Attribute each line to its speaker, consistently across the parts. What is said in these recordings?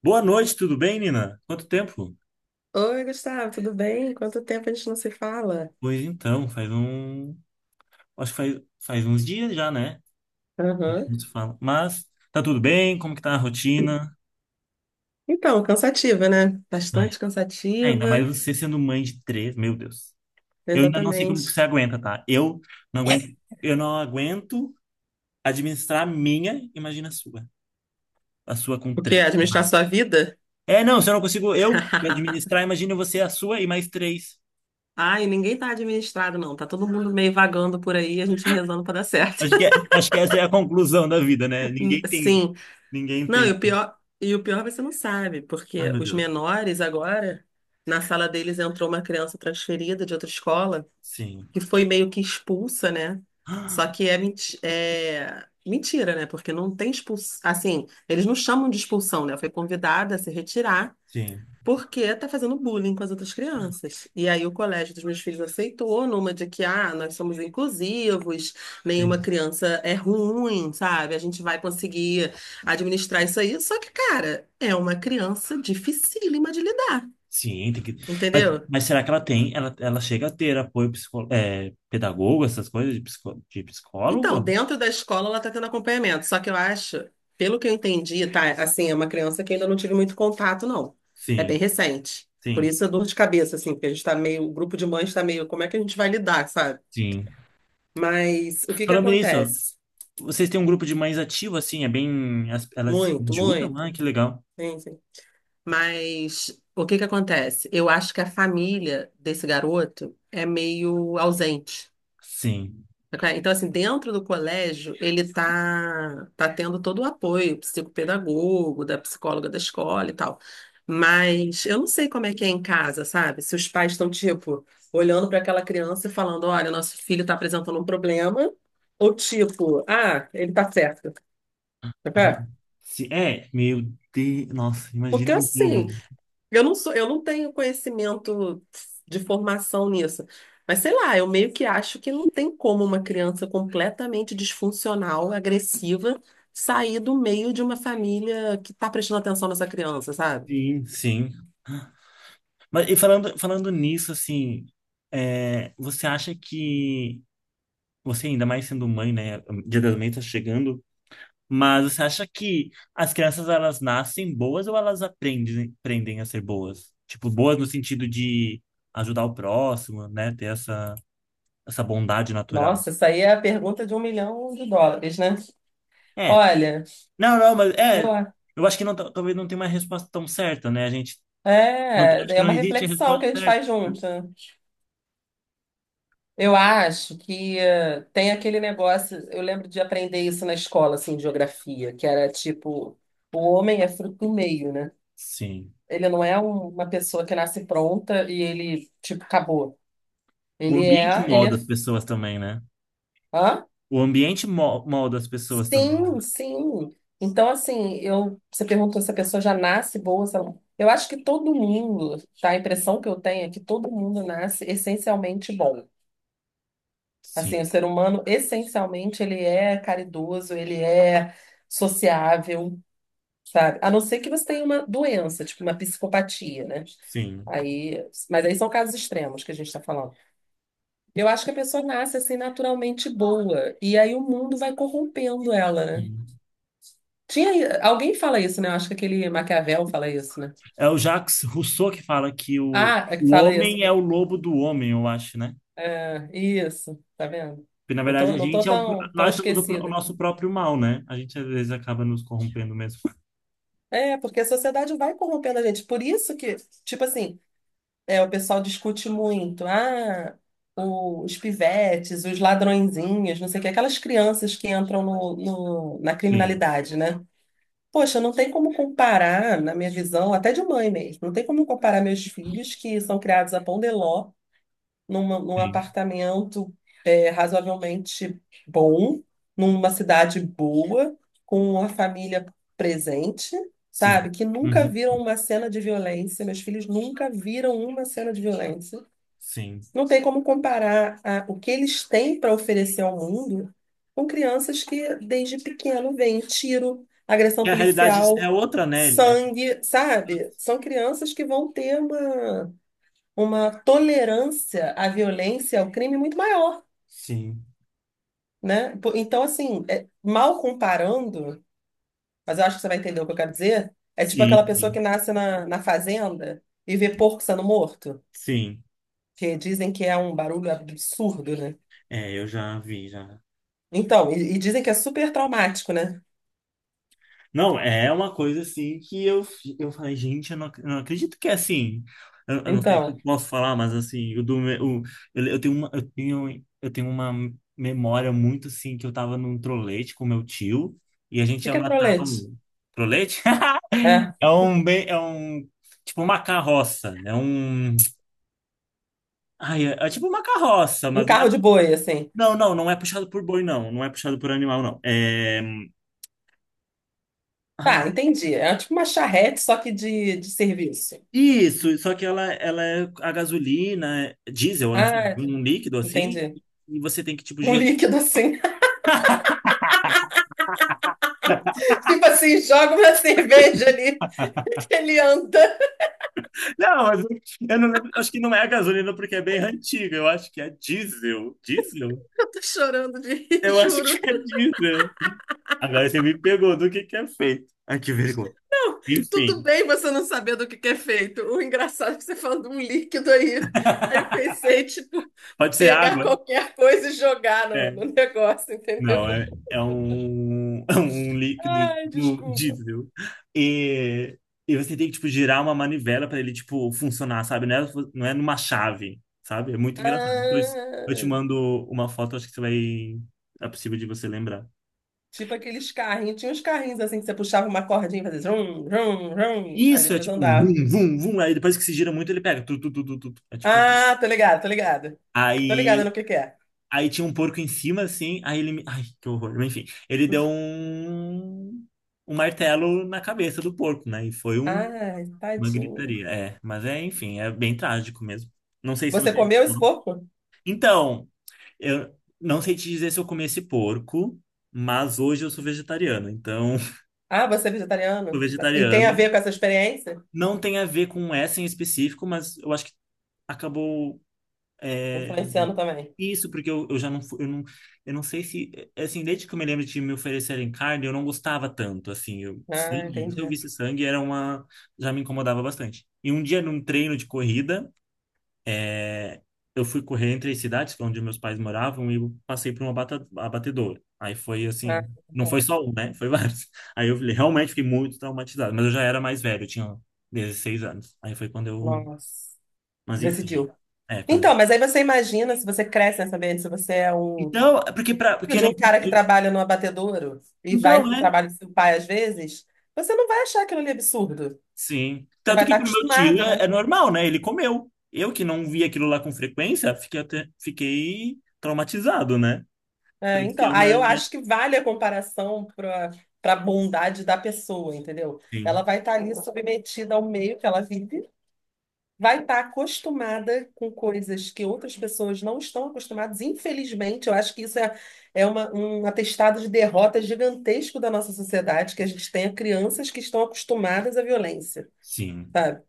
Speaker 1: Boa noite, tudo bem, Nina? Quanto tempo?
Speaker 2: Oi, Gustavo, tudo bem? Quanto tempo a gente não se fala?
Speaker 1: Pois então, faz um. Acho que faz uns dias já, né? A gente
Speaker 2: Aham.
Speaker 1: não se fala. Mas tá tudo bem? Como que tá a rotina?
Speaker 2: Então, cansativa, né?
Speaker 1: Ai,
Speaker 2: Bastante
Speaker 1: ainda
Speaker 2: cansativa,
Speaker 1: mais você sendo mãe de três, meu Deus. Eu ainda não sei como que você
Speaker 2: exatamente.
Speaker 1: aguenta, tá? Não aguento, eu não aguento administrar a minha, imagina a sua. A sua com
Speaker 2: O quê?
Speaker 1: três.
Speaker 2: Administrar
Speaker 1: Ai.
Speaker 2: sua vida?
Speaker 1: É, não, se eu não consigo eu me administrar, imagina você a sua e mais três.
Speaker 2: Ai, ninguém tá administrado, não. Tá todo mundo meio vagando por aí, a gente rezando pra dar certo.
Speaker 1: Acho que, acho que essa é a conclusão da vida, né? Ninguém tem.
Speaker 2: Sim.
Speaker 1: Ninguém
Speaker 2: Não,
Speaker 1: tem.
Speaker 2: e o pior você não sabe,
Speaker 1: Ai,
Speaker 2: porque
Speaker 1: meu
Speaker 2: os
Speaker 1: Deus.
Speaker 2: menores agora, na sala deles entrou uma criança transferida de outra escola,
Speaker 1: Sim.
Speaker 2: que foi meio que expulsa, né? Só que é mentira, né? Porque não tem expulsão. Assim, eles não chamam de expulsão, né? Foi convidada a se retirar
Speaker 1: Sim,
Speaker 2: porque tá fazendo bullying com as outras crianças. E aí o colégio dos meus filhos aceitou numa de que, ah, nós somos inclusivos, nenhuma
Speaker 1: sim.
Speaker 2: criança é ruim, sabe? A gente vai conseguir administrar isso aí. Só que, cara, é uma criança dificílima de lidar,
Speaker 1: Sim, tem que... Mas,
Speaker 2: entendeu?
Speaker 1: mas será que ela tem? Ela chega a ter apoio psico... é, pedagogo, essas coisas de, psico... de
Speaker 2: Então,
Speaker 1: psicólogo?
Speaker 2: dentro da escola ela está tendo acompanhamento, só que eu acho, pelo que eu entendi, tá? Assim, é uma criança que ainda não tive muito contato, não. É bem
Speaker 1: Sim,
Speaker 2: recente. Por
Speaker 1: sim,
Speaker 2: isso é dor de cabeça, assim, porque a gente tá meio, o grupo de mães está meio, como é que a gente vai lidar, sabe?
Speaker 1: sim.
Speaker 2: Mas o que que
Speaker 1: Falando nisso,
Speaker 2: acontece?
Speaker 1: vocês têm um grupo de mães ativo, assim, é bem. Elas se
Speaker 2: Muito,
Speaker 1: ajudam?
Speaker 2: muito.
Speaker 1: Ah, que legal.
Speaker 2: Sim, sim. Mas o que que acontece? Eu acho que a família desse garoto é meio ausente.
Speaker 1: Sim.
Speaker 2: Tá claro? Então, assim, dentro do colégio, ele tá tendo todo o apoio psicopedagogo, da psicóloga da escola e tal. Mas eu não sei como é que é em casa, sabe? Se os pais estão, tipo, olhando para aquela criança e falando, olha, nosso filho está apresentando um problema, ou tipo, ah, ele tá certo. Tá claro?
Speaker 1: Sim. É, meu Deus. Nossa,
Speaker 2: Porque
Speaker 1: imagina o
Speaker 2: assim,
Speaker 1: bolo.
Speaker 2: eu não sou, eu não tenho conhecimento de formação nisso. Mas sei lá, eu meio que acho que não tem como uma criança completamente disfuncional, agressiva, sair do meio de uma família que está prestando atenção nessa criança, sabe?
Speaker 1: Sim, sim. Mas e falando nisso, assim, é, você acha que você ainda mais sendo mãe, né? Dia das Mães tá chegando. Mas você acha que as crianças elas nascem boas ou elas aprendem a ser boas? Tipo, boas no sentido de ajudar o próximo, né? Ter essa, essa bondade natural.
Speaker 2: Nossa, isso aí é a pergunta de 1 milhão de dólares, né?
Speaker 1: É.
Speaker 2: Olha,
Speaker 1: Não, não, mas é.
Speaker 2: eu,
Speaker 1: Eu acho que não, talvez não tenha uma resposta tão certa, né? A gente não, acho
Speaker 2: é,
Speaker 1: que
Speaker 2: é
Speaker 1: não
Speaker 2: uma
Speaker 1: existe a
Speaker 2: reflexão que
Speaker 1: resposta
Speaker 2: a gente
Speaker 1: certa.
Speaker 2: faz junto. Eu acho que tem aquele negócio, eu lembro de aprender isso na escola, assim, de geografia, que era tipo, o homem é fruto do meio, né?
Speaker 1: Sim.
Speaker 2: Ele não é uma pessoa que nasce pronta e ele, tipo, acabou.
Speaker 1: O
Speaker 2: Ele
Speaker 1: ambiente
Speaker 2: é, ele é,
Speaker 1: molda as pessoas também, né?
Speaker 2: hã?
Speaker 1: O ambiente molda as pessoas também, né?
Speaker 2: Sim, sim. Então, assim, eu, você perguntou se a pessoa já nasce boa, se ela- eu acho que todo mundo, tá? A impressão que eu tenho é que todo mundo nasce essencialmente bom. Assim, o
Speaker 1: Sim.
Speaker 2: ser humano, essencialmente, ele é caridoso, ele é sociável, sabe? A não ser que você tenha uma doença, tipo uma psicopatia, né?
Speaker 1: Sim.
Speaker 2: Aí, mas aí são casos extremos que a gente está falando. Eu acho que a pessoa nasce assim naturalmente boa, e aí o mundo vai corrompendo ela, né?
Speaker 1: Sim.
Speaker 2: Alguém fala isso, né? Eu acho que aquele Maquiavel fala isso, né?
Speaker 1: É o Jacques Rousseau que fala que
Speaker 2: Ah, é que
Speaker 1: o
Speaker 2: fala isso.
Speaker 1: homem é o lobo do homem, eu acho, né?
Speaker 2: É, isso, tá vendo?
Speaker 1: Porque, na
Speaker 2: Não
Speaker 1: verdade,
Speaker 2: tô,
Speaker 1: a
Speaker 2: não
Speaker 1: gente
Speaker 2: tô
Speaker 1: é um,
Speaker 2: tão, tão
Speaker 1: nós somos o, o
Speaker 2: esquecida.
Speaker 1: nosso próprio mal, né? A gente, às vezes, acaba nos corrompendo mesmo.
Speaker 2: É, porque a sociedade vai corrompendo a gente. Por isso que, tipo assim, o pessoal discute muito. Ah, os pivetes, os ladrõezinhos, não sei o que, aquelas crianças que entram no, na
Speaker 1: Sim,
Speaker 2: criminalidade, né? Poxa, não tem como comparar, na minha visão, até de mãe mesmo, não tem como comparar meus filhos que são criados a pão de ló num
Speaker 1: sim,
Speaker 2: apartamento razoavelmente bom, numa cidade boa, com a família presente,
Speaker 1: sim.
Speaker 2: sabe? Que nunca
Speaker 1: Uhum,
Speaker 2: viram uma cena de violência, meus filhos nunca viram uma cena de violência.
Speaker 1: sim.
Speaker 2: Não tem como comparar o que eles têm para oferecer ao mundo com crianças que desde pequeno veem tiro, agressão
Speaker 1: E a realidade é
Speaker 2: policial,
Speaker 1: outra, né? É-
Speaker 2: sangue, sabe? São crianças que vão ter uma tolerância à violência, ao crime muito maior,
Speaker 1: Sim,
Speaker 2: né? Então, assim, mal comparando, mas eu acho que você vai entender o que eu quero dizer, é tipo
Speaker 1: sim,
Speaker 2: aquela pessoa
Speaker 1: sim.
Speaker 2: que nasce na, fazenda e vê porco sendo morto,
Speaker 1: Sim.
Speaker 2: que dizem que é um barulho absurdo, né?
Speaker 1: É, eu já vi, já.
Speaker 2: Então, e dizem que é super traumático, né?
Speaker 1: Não, é uma coisa assim que eu, eu falei, gente, eu não, eu não acredito que é assim. Eu não sei se
Speaker 2: Então,
Speaker 1: eu posso falar, mas assim, eu, do, eu tenho uma memória muito assim que eu tava num trolete com meu tio e a gente ia
Speaker 2: fica que é
Speaker 1: matar
Speaker 2: trolete?
Speaker 1: um trolete?
Speaker 2: É,
Speaker 1: É um tipo uma carroça, é um ai, é, é tipo uma carroça,
Speaker 2: um
Speaker 1: mas não é,
Speaker 2: carro de boi, assim.
Speaker 1: não é puxado por boi, não. Não é puxado por animal, não. É.
Speaker 2: Tá, entendi. É tipo uma charrete, só que de serviço.
Speaker 1: Isso, só que ela é a gasolina, diesel, enfim,
Speaker 2: Ah,
Speaker 1: um líquido assim,
Speaker 2: entendi.
Speaker 1: e você tem que, tipo,
Speaker 2: Um
Speaker 1: gerar.
Speaker 2: líquido assim. Tipo assim, joga uma cerveja ali, ele anda.
Speaker 1: Não, mas eu não lembro, acho que não é a gasolina porque é bem antiga, eu acho que é diesel. Diesel?
Speaker 2: Eu tô chorando de rir,
Speaker 1: Eu acho que
Speaker 2: juro.
Speaker 1: é diesel. Agora você me pegou do que é feito. Ai, que vergonha.
Speaker 2: Não, tudo
Speaker 1: Enfim,
Speaker 2: bem você não saber do que é feito. O engraçado é que você falando de um líquido aí. Aí eu pensei, tipo,
Speaker 1: pode ser
Speaker 2: pegar
Speaker 1: água?
Speaker 2: qualquer coisa e jogar no,
Speaker 1: É.
Speaker 2: negócio, entendeu?
Speaker 1: Não, é, é um, é um líquido,
Speaker 2: Ai,
Speaker 1: tipo,
Speaker 2: desculpa.
Speaker 1: diesel. E, e você tem que, tipo, girar uma manivela para ele, tipo, funcionar, sabe? Não é, não é numa chave, sabe? É muito engraçado. Depois eu te
Speaker 2: Ah,
Speaker 1: mando uma foto, acho que você vai... É possível de você lembrar.
Speaker 2: tipo aqueles carrinhos. Tinha uns carrinhos assim que você puxava uma cordinha e fazia zum, zum, zum. Aí
Speaker 1: Isso, é
Speaker 2: depois
Speaker 1: tipo um
Speaker 2: andava.
Speaker 1: vum, vum, vum. Aí depois que se gira muito, ele pega. Tu, tu, tu, tu, tu, tu. É tipo...
Speaker 2: Ah, tô ligado, tô ligado. Tô ligada no
Speaker 1: Aí,
Speaker 2: que é.
Speaker 1: aí tinha um porco em cima, assim. Aí ele me... Ai, que horror. Mas, enfim, ele deu um... um martelo na cabeça do porco, né? E foi um
Speaker 2: Ai,
Speaker 1: uma
Speaker 2: tadinho.
Speaker 1: gritaria, é. Mas é, enfim, é bem trágico mesmo. Não sei se
Speaker 2: Você
Speaker 1: você.
Speaker 2: comeu esse porco?
Speaker 1: Então, eu não sei te dizer se eu comi esse porco, mas hoje eu sou vegetariano. Então,
Speaker 2: Ah, você é
Speaker 1: sou
Speaker 2: vegetariano? E tem a ver
Speaker 1: vegetariano.
Speaker 2: com essa experiência?
Speaker 1: Não tem a ver com essa em específico, mas eu acho que acabou. É,
Speaker 2: Influenciando também.
Speaker 1: isso, porque eu já não, eu não, eu não sei se, assim, desde que eu me lembro de me oferecerem carne, eu não gostava tanto, assim, eu,
Speaker 2: Ah,
Speaker 1: sangue, se eu
Speaker 2: entendi.
Speaker 1: visse sangue, era uma, já me incomodava bastante. E um dia num treino de corrida, é, eu fui correr entre as cidades, que é onde meus pais moravam, e eu passei por uma abatedor. Aí foi
Speaker 2: Ah,
Speaker 1: assim, não foi
Speaker 2: tá.
Speaker 1: só um, né? Foi vários. Aí eu falei, realmente fiquei muito traumatizado, mas eu já era mais velho, eu tinha 16 anos. Aí foi quando eu,
Speaker 2: Nossa.
Speaker 1: mas enfim.
Speaker 2: Decidiu.
Speaker 1: É, quando
Speaker 2: Então, mas aí você imagina se você cresce nessa ambiente, se você é um
Speaker 1: então, é porque para,
Speaker 2: filho
Speaker 1: porque
Speaker 2: de
Speaker 1: nem
Speaker 2: um cara que trabalha no abatedouro e vai
Speaker 1: então,
Speaker 2: para o
Speaker 1: né?
Speaker 2: trabalho do seu pai às vezes, você não vai achar aquilo ali absurdo.
Speaker 1: Sim.
Speaker 2: Você vai
Speaker 1: Tanto
Speaker 2: estar
Speaker 1: que pro meu tio
Speaker 2: acostumado,
Speaker 1: é,
Speaker 2: né?
Speaker 1: é normal, né? Ele comeu. Eu que não vi aquilo lá com frequência, fiquei traumatizado, né?
Speaker 2: É,
Speaker 1: Tanto que
Speaker 2: então,
Speaker 1: é
Speaker 2: aí
Speaker 1: uma,
Speaker 2: eu
Speaker 1: né?
Speaker 2: acho que vale a comparação para a bondade da pessoa, entendeu? Ela
Speaker 1: Sim.
Speaker 2: vai estar ali submetida ao meio que ela vive. Vai estar acostumada com coisas que outras pessoas não estão acostumadas. Infelizmente, eu acho que isso é, um atestado de derrota gigantesco da nossa sociedade, que a gente tenha crianças que estão acostumadas à violência,
Speaker 1: Sim.
Speaker 2: sabe?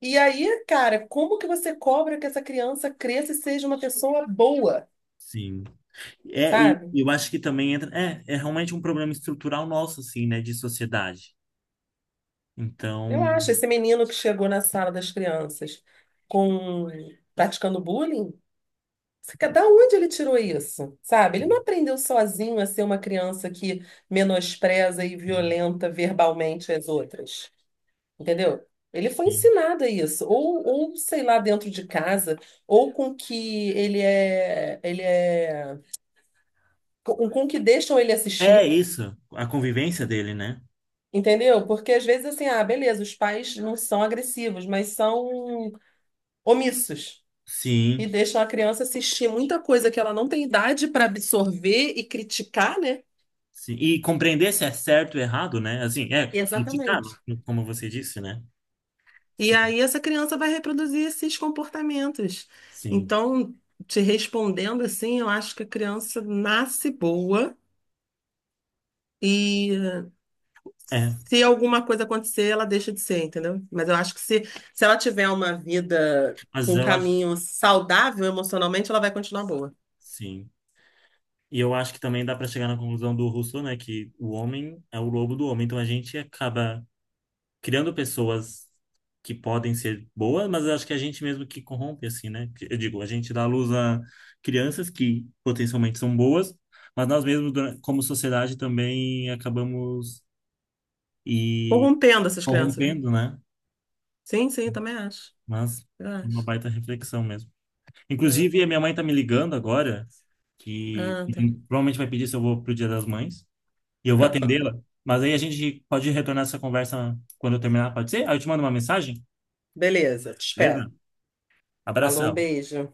Speaker 2: E aí, cara, como que você cobra que essa criança cresça e seja uma pessoa boa,
Speaker 1: Sim. É, e
Speaker 2: sabe?
Speaker 1: eu acho que também entra. É, é realmente um problema estrutural nosso, assim, né, de sociedade.
Speaker 2: Eu
Speaker 1: Então.
Speaker 2: acho, esse menino que chegou na sala das crianças com praticando bullying, da onde ele tirou isso? Sabe? Ele não aprendeu sozinho a ser uma criança que menospreza e
Speaker 1: Sim,
Speaker 2: violenta verbalmente as outras. Entendeu? Ele foi
Speaker 1: sim.
Speaker 2: ensinado a isso. Ou, sei lá, dentro de casa, ou com que ele é, com que deixam ele
Speaker 1: É
Speaker 2: assistir.
Speaker 1: isso, a convivência dele, né?
Speaker 2: Entendeu? Porque às vezes assim, ah, beleza, os pais não são agressivos, mas são omissos. E
Speaker 1: Sim,
Speaker 2: deixam a criança assistir muita coisa que ela não tem idade para absorver e criticar, né?
Speaker 1: sim. E compreender se é certo ou errado, né? Assim, é, criticar,
Speaker 2: Exatamente.
Speaker 1: como você disse, né?
Speaker 2: E
Speaker 1: Sim,
Speaker 2: aí essa criança vai reproduzir esses comportamentos.
Speaker 1: sim.
Speaker 2: Então, te respondendo assim, eu acho que a criança nasce boa e
Speaker 1: É,
Speaker 2: se alguma coisa acontecer, ela deixa de ser, entendeu? Mas eu acho que se ela tiver uma vida com
Speaker 1: mas
Speaker 2: um
Speaker 1: eu acho que
Speaker 2: caminho saudável emocionalmente, ela vai continuar boa.
Speaker 1: sim. E eu acho que também dá para chegar na conclusão do Rousseau, né? Que o homem é o lobo do homem, então a gente acaba criando pessoas que podem ser boas, mas eu acho que é a gente mesmo que corrompe, assim, né? Que- Eu digo, a gente dá à luz a crianças que potencialmente são boas, mas nós mesmos, como sociedade, também acabamos e
Speaker 2: Corrompendo essas crianças, né?
Speaker 1: corrompendo, né?
Speaker 2: Sim, sim, também acho.
Speaker 1: Mas
Speaker 2: Eu
Speaker 1: uma
Speaker 2: acho.
Speaker 1: baita reflexão mesmo.
Speaker 2: Ah,
Speaker 1: Inclusive, a minha mãe tá me ligando agora, que
Speaker 2: ah, tá.
Speaker 1: provavelmente vai pedir se eu vou pro Dia das Mães, e eu vou atendê-la. Mas aí a gente pode retornar essa conversa quando eu terminar, pode ser? Aí eu te mando uma mensagem,
Speaker 2: Beleza, te
Speaker 1: beleza?
Speaker 2: espero. Falou, um
Speaker 1: Abração.
Speaker 2: beijo.